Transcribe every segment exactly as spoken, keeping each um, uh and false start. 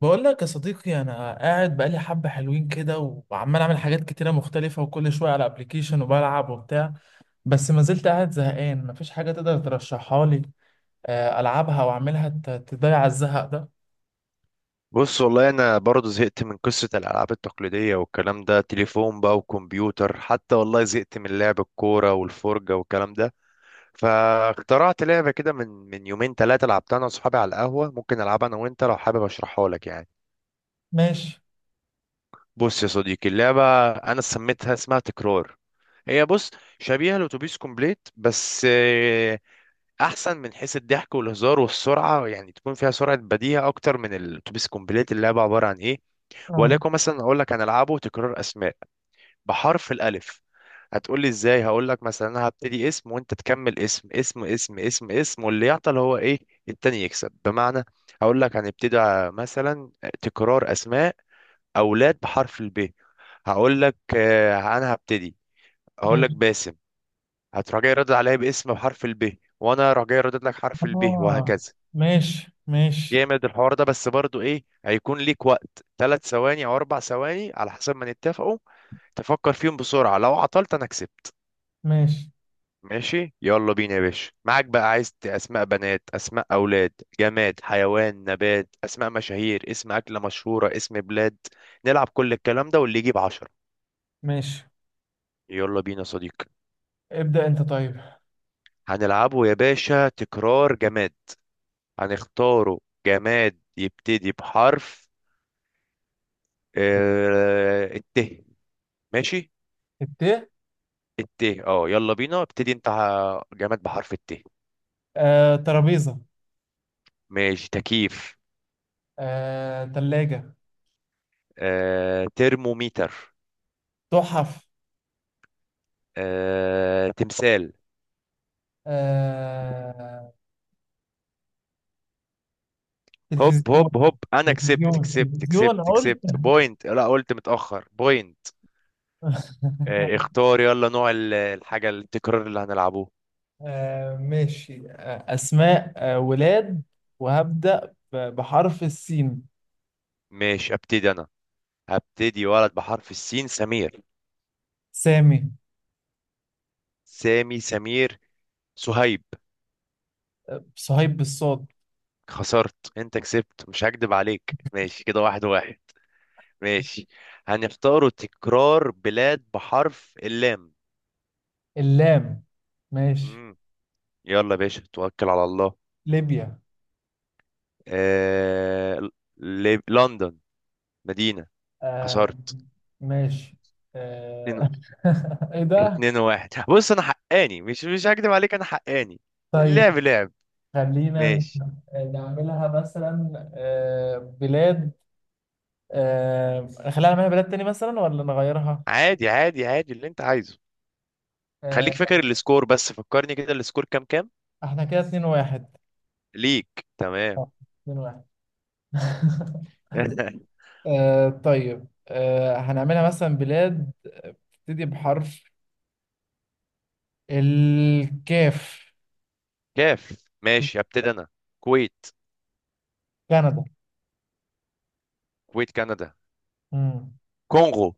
بقول لك يا صديقي انا قاعد بقالي حبه حلوين كده، وعمال اعمل حاجات كتيره مختلفه وكل شويه على ابلكيشن وبلعب وبتاع، بس ما زلت قاعد زهقان مفيش حاجه تقدر ترشحها لي. آه، العبها واعملها ت- تضيع الزهق ده. بص، والله انا برضه زهقت من قصه الالعاب التقليديه والكلام ده، تليفون بقى وكمبيوتر، حتى والله زهقت من لعب الكوره والفرجه والكلام ده. فاخترعت لعبه كده من من يومين ثلاثه، لعبتها انا واصحابي على القهوه. ممكن العبها انا وانت لو حابب اشرحها لك يعني. ماشي. بص يا صديقي، اللعبه انا سميتها، اسمها تكرار. هي بص، شبيهه لاتوبيس كومبليت بس آه، احسن من حيث الضحك والهزار والسرعه، يعني تكون فيها سرعه بديهه اكتر من الاتوبيس كومبليت. اللعبه عباره عن ايه؟ اه. وليكن مثلا اقول لك هنلعبه تكرار اسماء بحرف الالف. هتقول لي ازاي؟ هقول لك مثلا انا هبتدي اسم، وانت تكمل اسم اسم اسم اسم اسم، واللي يعطل هو ايه؟ التاني يكسب، بمعنى هقول لك هنبتدي ع- مثلا، تكرار اسماء اولاد بحرف الب. هقول لك آه، انا هبتدي، هقول لك ماشي. باسم. هتروح جاي رد عليا باسم بحرف الب، وانا راح جاي ردد لك حرف الب اه. وهكذا. ماشي ماشي. جامد الحوار ده، بس برضو ايه، هيكون ليك وقت ثلاث ثواني او اربع ثواني على حسب ما نتفقوا. تفكر فيهم بسرعة، لو عطلت أنا كسبت. ماشي ماشي يلا بينا يا باشا، معاك بقى عايز ت- أسماء بنات، أسماء أولاد، جماد، حيوان، نبات، أسماء مشاهير، اسم أكلة مشهورة، اسم بلاد، نلعب كل الكلام ده واللي يجيب عشرة. ماشي. يلا بينا يا صديقي. ابدأ انت طيب. هنلعبه يا باشا تكرار جماد، هنختاره جماد يبتدي بحرف آه، الت. ماشي الت. الت، اه يلا بينا، ابتدي انت ع- جماد بحرف الت. آه، ترابيزه. ماشي، تكييف. آه، تلاجة. آه، ترموميتر. تحف. آه... تمثال. آه، هوب تلفزيون. هوب هوب، انا كسبت تلفزيون كسبت تلفزيون. كسبت كسبت بوينت، لا قلت متأخر بوينت. آه... اختار يلا نوع ال- الحاجة التكرار اللي هنلعبوه. آه ماشي، آه أسماء، آه ولاد. وهبدأ ب- بحرف السين. ماشي ابتدي انا، هبتدي ولد بحرف السين. سمير. سامي. سامي، سمير، سهيب. آه صهيب بالصاد. خسرت، انت كسبت، مش هكدب عليك. ماشي كده واحد واحد. ماشي هنختاروا تكرار بلاد بحرف اللام. اللام. ماشي. مم. يلا يا باشا، توكل على الله. ليبيا. آه... ل... لندن مدينة. آه. خسرت. ماشي. اتنين. آه. إيه ده؟ اتنين واحد، بص انا حقاني، مش مش هكدب عليك، انا حقاني. طيب اللعب لعب. خلينا ماشي. نعملها مثلا آه بلاد. آه. خلينا نعملها بلاد تاني مثلا ولا نغيرها؟ عادي عادي عادي اللي انت عايزه. خليك آه. فاكر السكور بس، فكرني كده السكور كام كام؟ احنا كده اتنين واحد. ليك تمام. اه. اتنين واحد. آه طيب، آه هنعملها مثلا بلاد بتبتدي بحرف الكاف. كاف ماشي، ابتدي انا. كويت. كندا. كويت، كندا، مم. كونغو.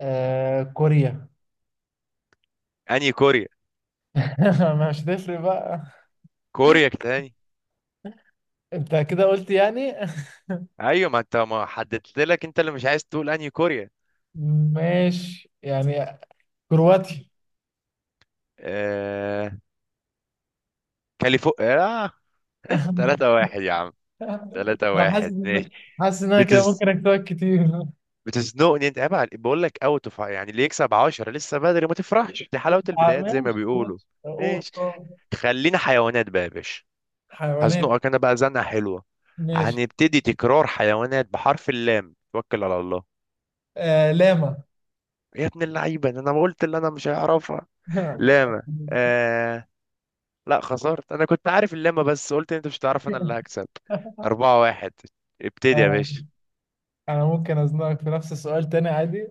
آه كوريا. انهي كوريا؟ ما مش هتفرق بقى. كوريا تاني. انت كده قلت يعني. ايوه، ما انت ما حددت لك، انت اللي مش عايز تقول انهي كوريا. ماشي يعني. كرواتي. آه... كاليفورنيا. آه... ثلاثة واحد يا عم. ثلاثة انا حاسس واحد. ان ماشي. حاسس ان انا كده ممكن اكتبك كتير. بتزنقني انت، عيب عليك، بقول لك اوت اوف يعني، اللي يكسب عشرة لسه بدري، ما تفرحش، دي حلاوه آه، البدايات زي ما ماشي بيقولوا. ماشي. اوه ماشي. أوه. خلينا حيوانات بقى يا باشا. حيوانات. هزنقك انا بقى زنقه حلوه. ماشي. هنبتدي تكرار حيوانات بحرف اللام، توكل على الله. آه لاما. يا ابن اللعيبه ده، انا ما قلت اللي انا مش هعرفها. لاما. آه... لا خسرت، انا كنت عارف اللاما بس قلت انت مش هتعرف، انا اللي هكسب. أربعة واحد. ابتدي يا آه. باشا. انا ممكن ازنقك في نفس السؤال تاني عادي.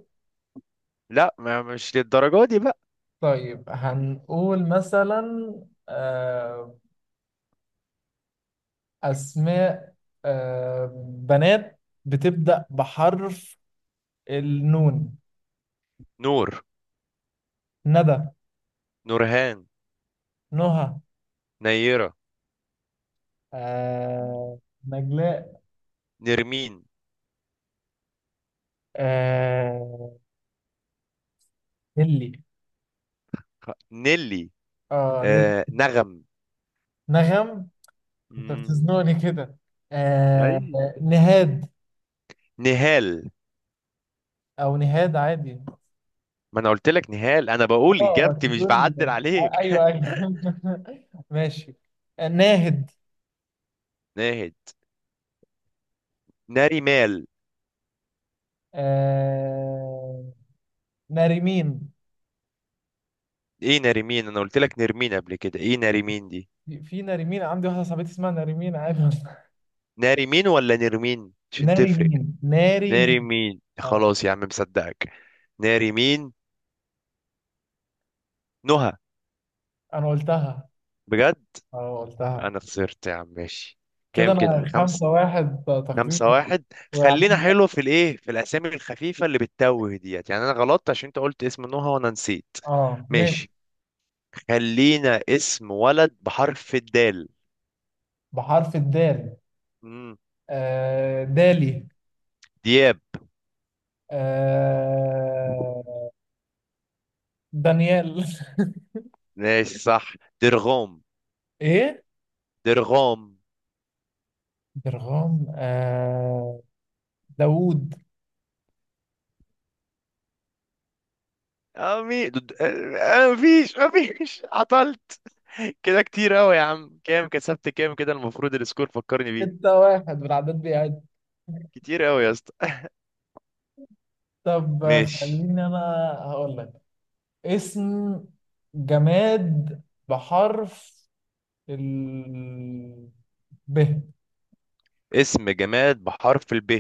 لا، ما مش للدرجه دي بقى. طيب هنقول مثلا، آه، اسماء، آه، بنات بتبدأ بحرف النون. نور، ندى. نورهان، نهى. نيره، آه، نجلاء. نرمين، آه، نيلي. نيلي، اه نيل. آه نغم. نغم. انت مم. بتزنقني كده. آه، اي. نهاد. نهال. او نهاد عادي. ما انا قلت لك نهال، انا بقول اه اجابتي، مش تقول. بعدل عليك. ايوه ايوه. ماشي. ناهد. ناهد. ناريمال. آه... ناري مين، ايه ناريمين؟ انا قلت لك نرمين قبل كده، ايه ناريمين دي؟ في في ناري مين، عندي واحدة صاحبتي اسمها ناري مين عادي والله. ناريمين ولا نرمين؟ عشان ناري تفرق. مين ناري مين. ناريمين، اه خلاص يا عم مصدقك. ناريمين. نهى. انا قلتها. بجد؟ اه قلتها. انا خسرت يا عم. ماشي. كده كام كده؟ انا خمسة. خمسة واحد خمسة تقريبا. واحد. خلينا وعندي- حلو في الايه في الاسامي الخفيفة اللي بتتوه ديت، يعني انا غلطت عشان انت قلت اسم نهى وانا نسيت. اه ماشي. ماشي. خلينا اسم ولد بحرف الدال. بحرف الدال. مم. آه... دالي. دياب. آه... دانيال. ماشي صح. درغوم. ايه. درغوم. درغام. آه... داوود. أمي د- د- آه، مفيش مفيش عطلت. كده كتير أوي يا عم. كام كسبت؟ كام كده؟ المفروض السكور فكرني بيه. ستة واحد بالعدد بيعد. كتير أوي يا اسطى. طب ماشي. خليني انا هقول لك اسم جماد بحرف ال ب. اسم جماد بحرف الب؟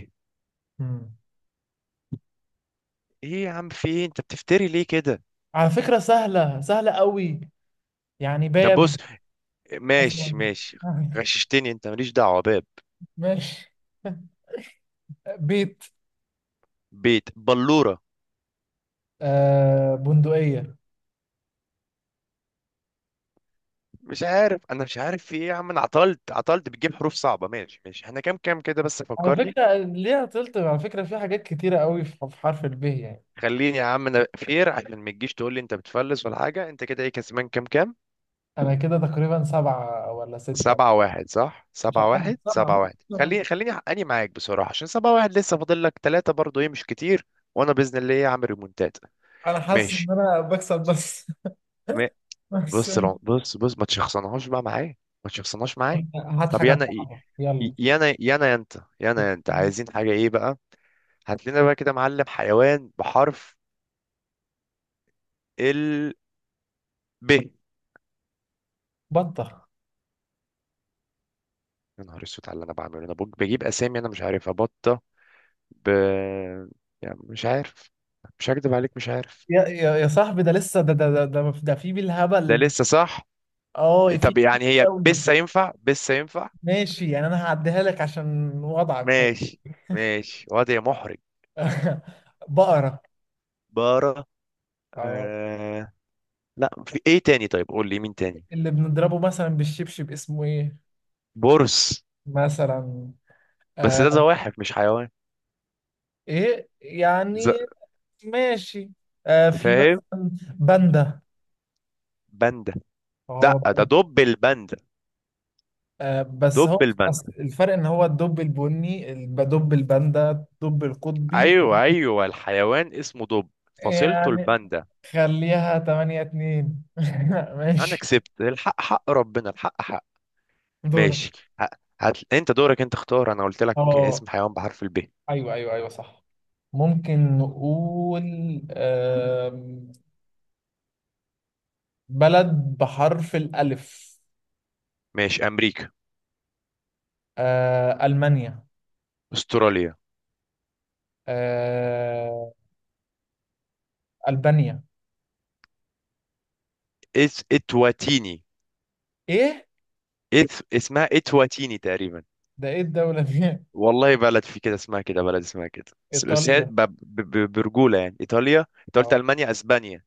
مم. ايه يا عم؟ في ايه؟ انت بتفتري ليه كده؟ على فكرة سهلة سهلة قوي. يعني طب بص. باب مثلا. ماشي ماشي. غششتني انت، ماليش دعوه باب. ماشي. بيت. بيت، بلوره. آه بندقية. مش عارف، انا مش عارف في ايه يا عم، انا عطلت عطلت، بتجيب حروف صعبه. ماشي ماشي. احنا كام كام كده بس على فكرني. فكرة ليها تلت، على فكرة في حاجات كتيرة قوي في في حرف ال ب يعني. خليني يا عم انا فير، عشان ما تجيش تقول لي انت بتفلس ولا حاجه. انت كده ايه كسبان كام كام؟ أنا كده تقريبا سبعة ولا ستة. سبعة واحد، صح؟ مش سبعة عارف، واحد، سبعة، سبعة ممكن واحد، سبعة. خليني خليني حقاني معاك بصراحة، عشان سبعة واحد لسه فاضل لك تلاتة برضو ايه، مش كتير. وانا بإذن الله ايه، عامل ريمونتات. أنا حاسس إن ماشي. أنا بكسب بس. ما- بس. بص العم- بص بص، ما تشخصنهاش بقى معايا. ما تشخصنهاش معايا. هات طب يا حاجة انا ايه؟ صعبة. ي- يانا يانا انت، يلا. يانا انت عايزين حاجة ايه بقى؟ هات لنا بقى كده معلم، حيوان بحرف ال ب يا. بطة. نهار اسود على اللي انا بعمله، انا بج- بجيب اسامي انا مش عارفها. بطة. ب، يعني مش عارف، مش هكدب عليك، مش عارف. يا يا يا صاحبي، ده لسه، ده ده ده ده, ده في ده بالهبل. لسه صح. اه في طب كتير يعني هي قوي. بس ينفع، بس ينفع. ماشي يعني انا هعديها لك عشان وضعك، فاهم؟ ماشي ماشي، وضع محرج. بقرة. بارة. اه. آه... لا في ايه تاني؟ طيب قول لي مين تاني. اللي بنضربه مثلا بالشبشب اسمه ايه برص. مثلا. بس آه. ده زواحف مش حيوان. ايه ز... يعني. ماشي. آه في فاهم. مثلا باندا. باندا. اه. لا ده دب الباندا. آه، بس دب هو أصل الباندا. الفرق ان هو الدب البني، الب- دب الباندا، الدب القطبي ايوه ايوه، الحيوان اسمه دب، فصيلته يعني. الباندا. خليها تمانية اتنين. انا ماشي. كسبت، الحق حق ربنا، الحق حق. دورك. ماشي. ه- هات انت دورك، انت اختار انا قلت لك اسم اه حيوان بحرف الب. ايوه ايوه ايوه صح. ممكن نقول آم، بلد بحرف الألف. ماشي. امريكا. آه، ألمانيا. استراليا. آه، ألبانيا. اس اتواتيني. إيه؟ إث... اسمها اتواتيني تقريبا. ده إيه الدولة دي؟ والله بلد في كده اسمها كده، بلد اسمها كده. بس بس هي إيطاليا. ب... ب... ب- برجولة يعني، ايطاليا، انت قلت آه. المانيا، اسبانيا.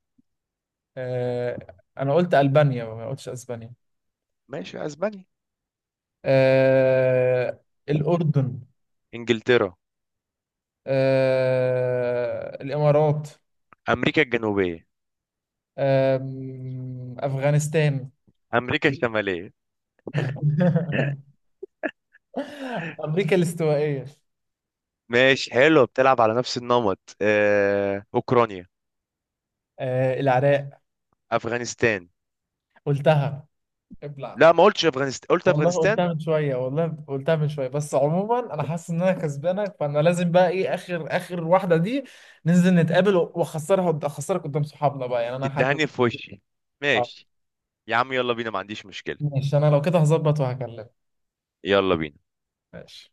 آه، أنا قلت ألبانيا ما قلتش أسبانيا. ماشي، اسبانيا. آه، الأردن. انجلترا. آه، الإمارات. امريكا الجنوبية. آم، أفغانستان. امريكا الشمالية. أمريكا الاستوائية. ماشي حلو، بتلعب على نفس النمط. آه، أوكرانيا. آه العراق. أفغانستان. قلتها. ابلع. لا ما قلتش أفغانستان، قلت والله أفغانستان. قلتها من شوية، والله قلتها من شوية. بس عموما أنا حاسس إن أنا كسبانك، فأنا لازم بقى إيه آخر آخر واحدة دي ننزل نتقابل وأخسرها أخسرك قدام صحابنا بقى يعني. أنا حاسس. تدهني في وشي. آه ماشي يا عم، يلا بينا ما عنديش مشكلة. ماشي. أنا لو كده هظبط وهكلمك. يلا بينا. ماشي.